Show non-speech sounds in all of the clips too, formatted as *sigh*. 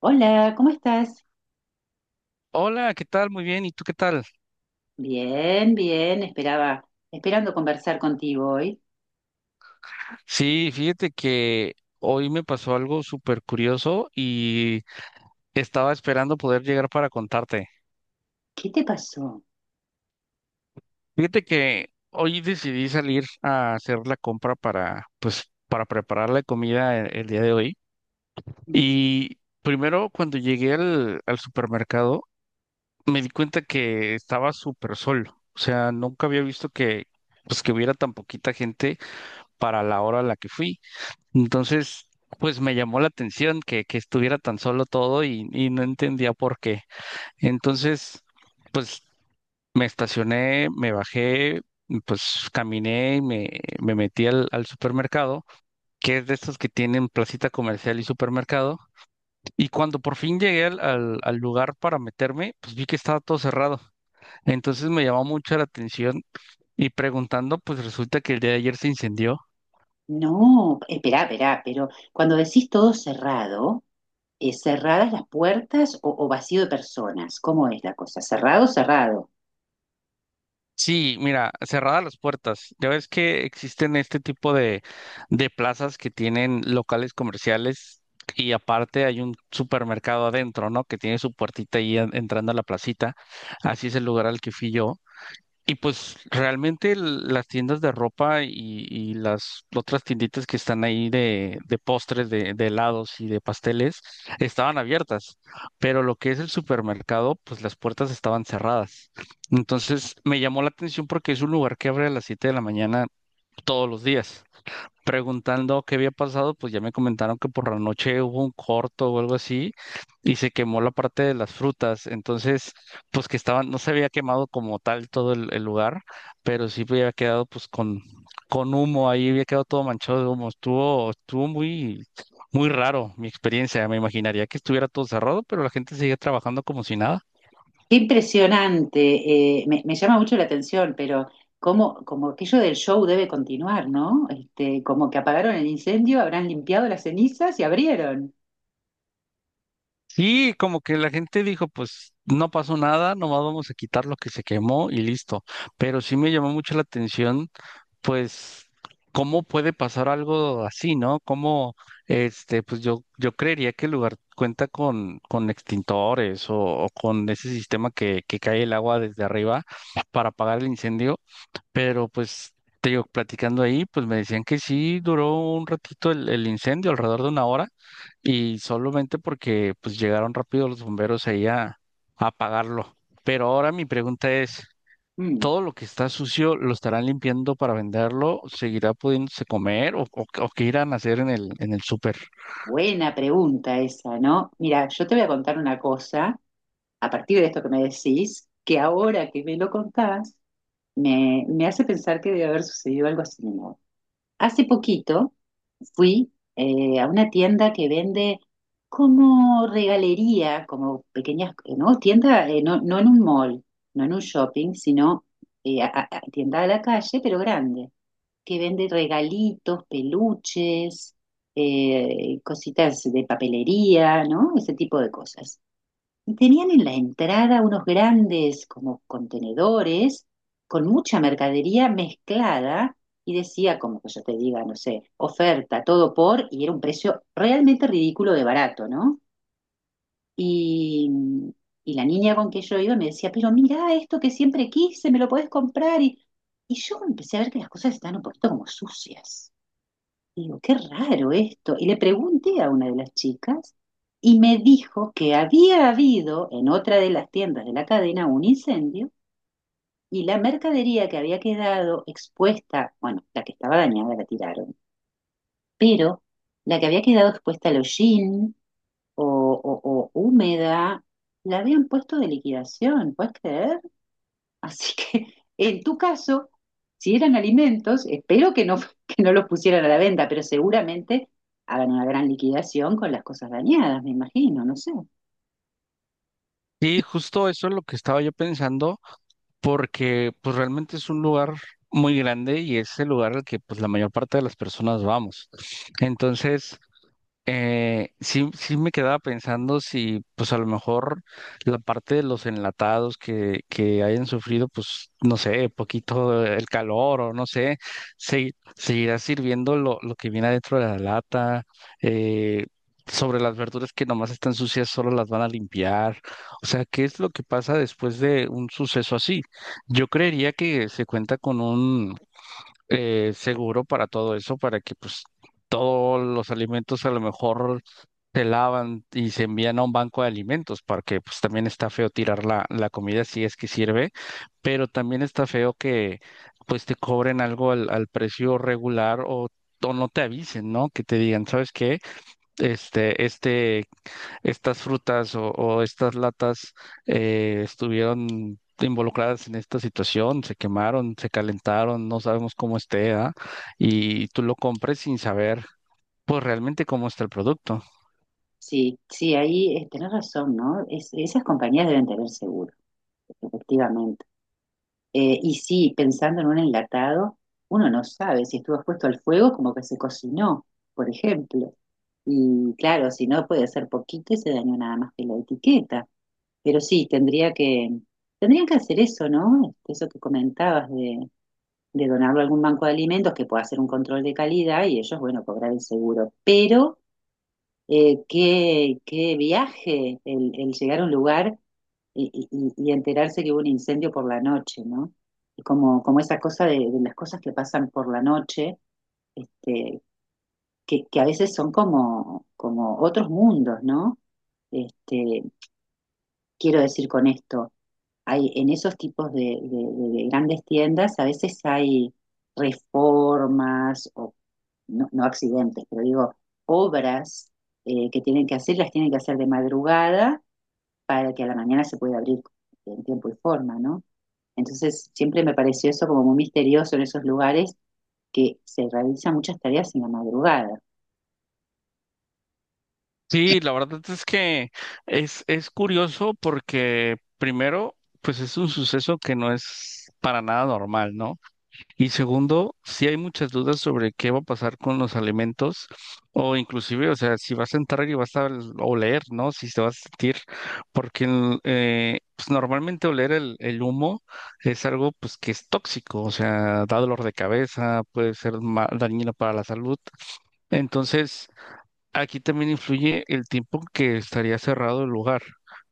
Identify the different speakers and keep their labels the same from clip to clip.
Speaker 1: Hola, ¿cómo estás?
Speaker 2: Hola, ¿qué tal? Muy bien, ¿y tú qué tal?
Speaker 1: Bien, bien, esperando conversar contigo hoy.
Speaker 2: Sí, fíjate que hoy me pasó algo súper curioso y estaba esperando poder llegar para contarte.
Speaker 1: ¿Qué te pasó?
Speaker 2: Fíjate que hoy decidí salir a hacer la compra para, pues, para preparar la comida el día de hoy. Y primero, cuando llegué al supermercado, me di cuenta que estaba súper sol. O sea, nunca había visto que, pues, que hubiera tan poquita gente para la hora a la que fui. Entonces, pues me llamó la atención que estuviera tan solo todo y no entendía por qué. Entonces, pues me estacioné, me bajé, pues caminé y me metí al supermercado, que es de estos que tienen placita comercial y supermercado. Y cuando por fin llegué al lugar para meterme, pues vi que estaba todo cerrado. Entonces me llamó mucho la atención y preguntando, pues resulta que el día de ayer se incendió.
Speaker 1: No, esperá, pero cuando decís todo cerrado, ¿cerradas las puertas o vacío de personas? ¿Cómo es la cosa? ¿Cerrado, cerrado?
Speaker 2: Sí, mira, cerradas las puertas. Ya ves que existen este tipo de plazas que tienen locales comerciales y aparte hay un supermercado adentro, ¿no? Que tiene su puertita ahí entrando a la placita. Así es el lugar al que fui yo. Y pues realmente el- las tiendas de ropa y las otras tienditas que están ahí de postres, de helados y de pasteles estaban abiertas, pero lo que es el supermercado, pues las puertas estaban cerradas. Entonces me llamó la atención porque es un lugar que abre a las 7 de la mañana todos los días preguntando qué había pasado, pues ya me comentaron que por la noche hubo un corto o algo así y se quemó la parte de las frutas, entonces pues que estaban, no se había quemado como tal todo el lugar, pero sí había quedado pues con humo ahí, había quedado todo manchado de humo, estuvo, estuvo muy, muy raro mi experiencia, me imaginaría que estuviera todo cerrado, pero la gente seguía trabajando como si nada.
Speaker 1: Qué impresionante, me llama mucho la atención, pero como aquello del show debe continuar, ¿no? Este, como que apagaron el incendio, habrán limpiado las cenizas y abrieron.
Speaker 2: Sí, como que la gente dijo, pues no pasó nada, nomás vamos a quitar lo que se quemó y listo. Pero sí me llamó mucho la atención pues, ¿cómo puede pasar algo así, no? ¿Cómo, este, pues yo creería que el lugar cuenta con extintores o con ese sistema que cae el agua desde arriba para apagar el incendio, pero pues, te digo, platicando ahí, pues me decían que sí duró un ratito el incendio, alrededor de una hora, y solamente porque pues llegaron rápido los bomberos ahí a apagarlo. Pero ahora mi pregunta es
Speaker 1: Mm.
Speaker 2: todo lo que está sucio lo estarán limpiando para venderlo, ¿seguirá pudiéndose comer o qué irán a hacer en el súper?
Speaker 1: Buena pregunta esa, ¿no? Mira, yo te voy a contar una cosa, a partir de esto que me decís, que ahora que me lo contás, me hace pensar que debe haber sucedido algo así. Hace poquito fui a una tienda que vende como regalería, como pequeñas, ¿no? Tienda, no en un mall, no en un shopping, sino tienda a la calle, pero grande, que vende regalitos, peluches, cositas de papelería, ¿no? Ese tipo de cosas. Y tenían en la entrada unos grandes como contenedores con mucha mercadería mezclada y decía, como que yo te diga, no sé, oferta, todo por, y era un precio realmente ridículo de barato, ¿no? Y, y la niña con que yo iba me decía, pero mira esto que siempre quise, me lo podés comprar. Y yo empecé a ver que las cosas están un poquito como sucias. Y digo, qué raro esto. Y le pregunté a una de las chicas y me dijo que había habido en otra de las tiendas de la cadena un incendio y la mercadería que había quedado expuesta, bueno, la que estaba dañada la tiraron, pero la que había quedado expuesta al hollín o, o húmeda, la habían puesto de liquidación, ¿puedes creer? Así que *laughs* en tu caso, si eran alimentos, espero que no, *laughs* que no los pusieran a la venta, pero seguramente hagan una gran liquidación con las cosas dañadas, me imagino, no sé.
Speaker 2: Sí, justo eso es lo que estaba yo pensando, porque pues realmente es un lugar muy grande y es el lugar al que pues la mayor parte de las personas vamos. Entonces, sí, sí me quedaba pensando si, pues a lo mejor la parte de los enlatados que hayan sufrido, pues no sé, poquito el calor o no sé, seguirá sirviendo lo que viene adentro de la lata, eh, sobre las verduras que nomás están sucias, solo las van a limpiar. O sea, ¿qué es lo que pasa después de un suceso así? Yo creería que se cuenta con un seguro para todo eso, para que pues todos los alimentos a lo mejor se lavan y se envían a un banco de alimentos, para que pues también está feo tirar la comida si es que sirve, pero también está feo que pues te cobren algo al precio regular o no te avisen, ¿no? Que te digan, ¿sabes qué? Este, estas frutas o estas latas estuvieron involucradas en esta situación, se quemaron, se calentaron, no sabemos cómo esté, ¿ah? Y tú lo compres sin saber, pues realmente cómo está el producto.
Speaker 1: Sí, sí, ahí tenés razón, ¿no? Esas compañías deben tener seguro, efectivamente. Y sí, pensando en un enlatado, uno no sabe si estuvo expuesto al fuego como que se cocinó, por ejemplo. Y claro, si no puede ser poquito y se dañó nada más que la etiqueta. Pero sí, tendrían que hacer eso, ¿no? Este, eso que comentabas de donarlo a algún banco de alimentos que pueda hacer un control de calidad y ellos, bueno, cobrar el seguro. Pero qué viaje el llegar a un lugar y enterarse que hubo un incendio por la noche, ¿no? Y como, como esa cosa de las cosas que pasan por la noche, este, que a veces son como, como otros mundos, ¿no? Este, quiero decir con esto, hay en esos tipos de grandes tiendas, a veces hay reformas o no, no accidentes, pero digo, obras que tienen que hacer, las tienen que hacer de madrugada para que a la mañana se pueda abrir en tiempo y forma, ¿no? Entonces, siempre me pareció eso como muy misterioso en esos lugares que se realizan muchas tareas en la madrugada.
Speaker 2: Sí, la verdad es que es curioso porque primero, pues es un suceso que no es para nada normal, ¿no? Y segundo, si hay muchas dudas sobre qué va a pasar con los alimentos o inclusive, o sea, si vas a entrar y vas a oler, ¿no? Si te vas a sentir, porque el, pues normalmente oler el humo es algo pues que es tóxico, o sea, da dolor de cabeza, puede ser dañino para la salud. Entonces, aquí también influye el tiempo que estaría cerrado el lugar,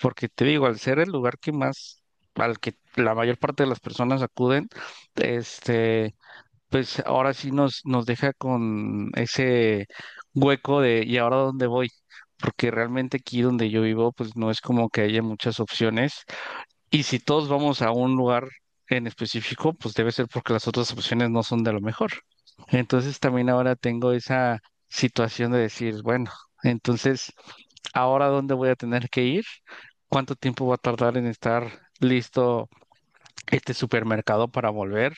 Speaker 2: porque te digo, al ser el lugar que más, al que la mayor parte de las personas acuden, este pues ahora sí nos, nos deja con ese hueco de ¿y ahora dónde voy? Porque realmente aquí donde yo vivo, pues no es como que haya muchas opciones. Y si todos vamos a un lugar en específico, pues debe ser porque las otras opciones no son de lo mejor. Entonces también ahora tengo esa situación de decir, bueno, entonces, ¿ahora dónde voy a tener que ir? ¿Cuánto tiempo va a tardar en estar listo este supermercado para volver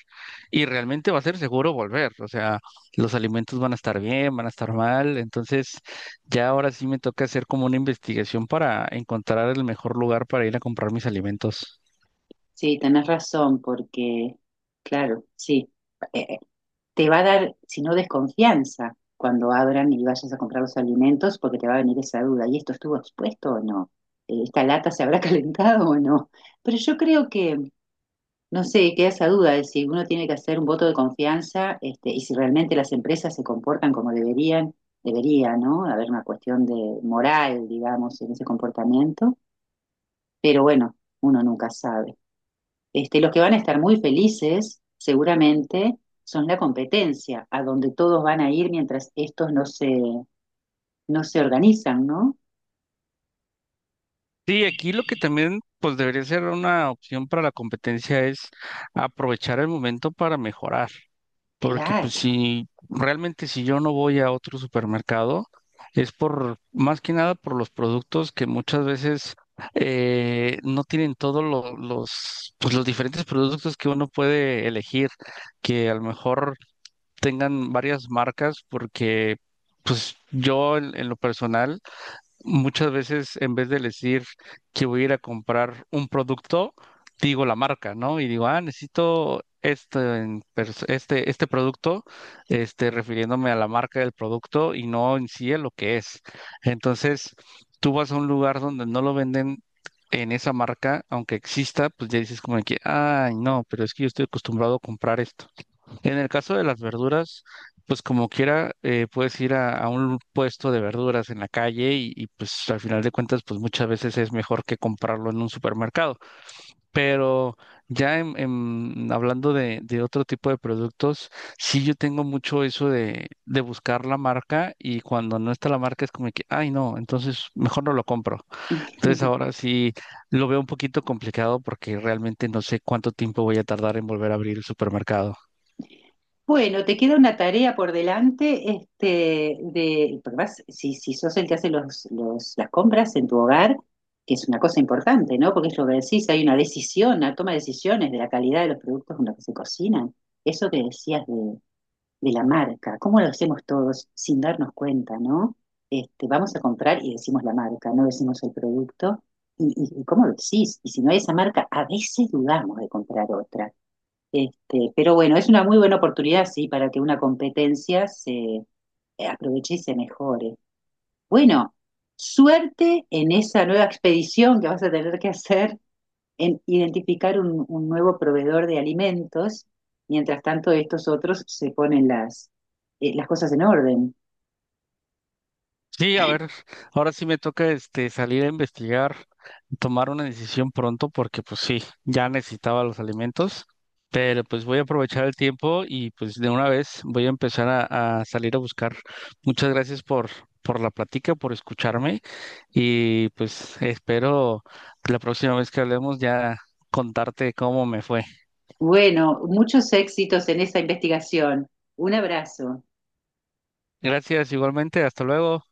Speaker 2: y realmente va a ser seguro volver? O sea, los alimentos van a estar bien, van a estar mal, entonces ya ahora sí me toca hacer como una investigación para encontrar el mejor lugar para ir a comprar mis alimentos.
Speaker 1: Sí, tenés razón, porque, claro, sí, eh, te va a dar, si no desconfianza, cuando abran y vayas a comprar los alimentos, porque te va a venir esa duda, ¿y esto estuvo expuesto o no? ¿Esta lata se habrá *laughs* calentado o no? Pero yo creo no sé, queda esa duda de si uno tiene que hacer un voto de confianza este, y si realmente las empresas se comportan como deberían, debería, ¿no? Haber una cuestión de moral, digamos, en ese comportamiento, pero bueno, uno nunca sabe. Este, los que van a estar muy felices, seguramente, son la competencia, a donde todos van a ir mientras estos no se organizan, ¿no?
Speaker 2: Sí, aquí lo que también pues debería ser una opción para la competencia es aprovechar el momento para mejorar. Porque pues
Speaker 1: Claro.
Speaker 2: si realmente si yo no voy a otro supermercado, es por más que nada por los productos que muchas veces no tienen todos pues, los diferentes productos que uno puede elegir, que a lo mejor tengan varias marcas, porque pues yo en lo personal, muchas veces, en vez de decir que voy a ir a comprar un producto, digo la marca, ¿no? Y digo, ah, necesito este, este, este producto, este, refiriéndome a la marca del producto y no en sí a lo que es. Entonces, tú vas a un lugar donde no lo venden en esa marca, aunque exista, pues ya dices como que, ay, no, pero es que yo estoy acostumbrado a comprar esto. En el caso de las verduras, pues como quiera, puedes ir a un puesto de verduras en la calle pues al final de cuentas, pues muchas veces es mejor que comprarlo en un supermercado. Pero ya hablando de otro tipo de productos, sí yo tengo mucho eso de buscar la marca y cuando no está la marca es como que, ay no, entonces mejor no lo compro. Entonces
Speaker 1: *laughs*
Speaker 2: ahora sí lo veo un poquito complicado porque realmente no sé cuánto tiempo voy a tardar en volver a abrir el supermercado.
Speaker 1: Bueno, te queda una tarea por delante, este, de, porque si sos el que hace las compras en tu hogar, que es una cosa importante, ¿no? Porque es lo que decís, hay una decisión, una toma de decisiones de la calidad de los productos con los que se cocinan. Eso que decías de la marca. ¿Cómo lo hacemos todos sin darnos cuenta, no? Este, vamos a comprar y decimos la marca, no decimos el producto. Y cómo lo decís? Y si no hay esa marca, a veces dudamos de comprar otra. Este, pero bueno, es una muy buena oportunidad, sí, para que una competencia se aproveche y se mejore. Bueno, suerte en esa nueva expedición que vas a tener que hacer en identificar un nuevo proveedor de alimentos, mientras tanto estos otros se ponen las cosas en orden.
Speaker 2: Sí, a ver, ahora sí me toca este salir a investigar, tomar una decisión pronto porque pues sí, ya necesitaba los alimentos, pero pues voy a aprovechar el tiempo y pues de una vez voy a empezar a salir a buscar. Muchas gracias por la plática, por escucharme y pues espero que la próxima vez que hablemos ya contarte cómo me fue.
Speaker 1: Bueno, muchos éxitos en esa investigación. Un abrazo.
Speaker 2: Gracias igualmente, hasta luego.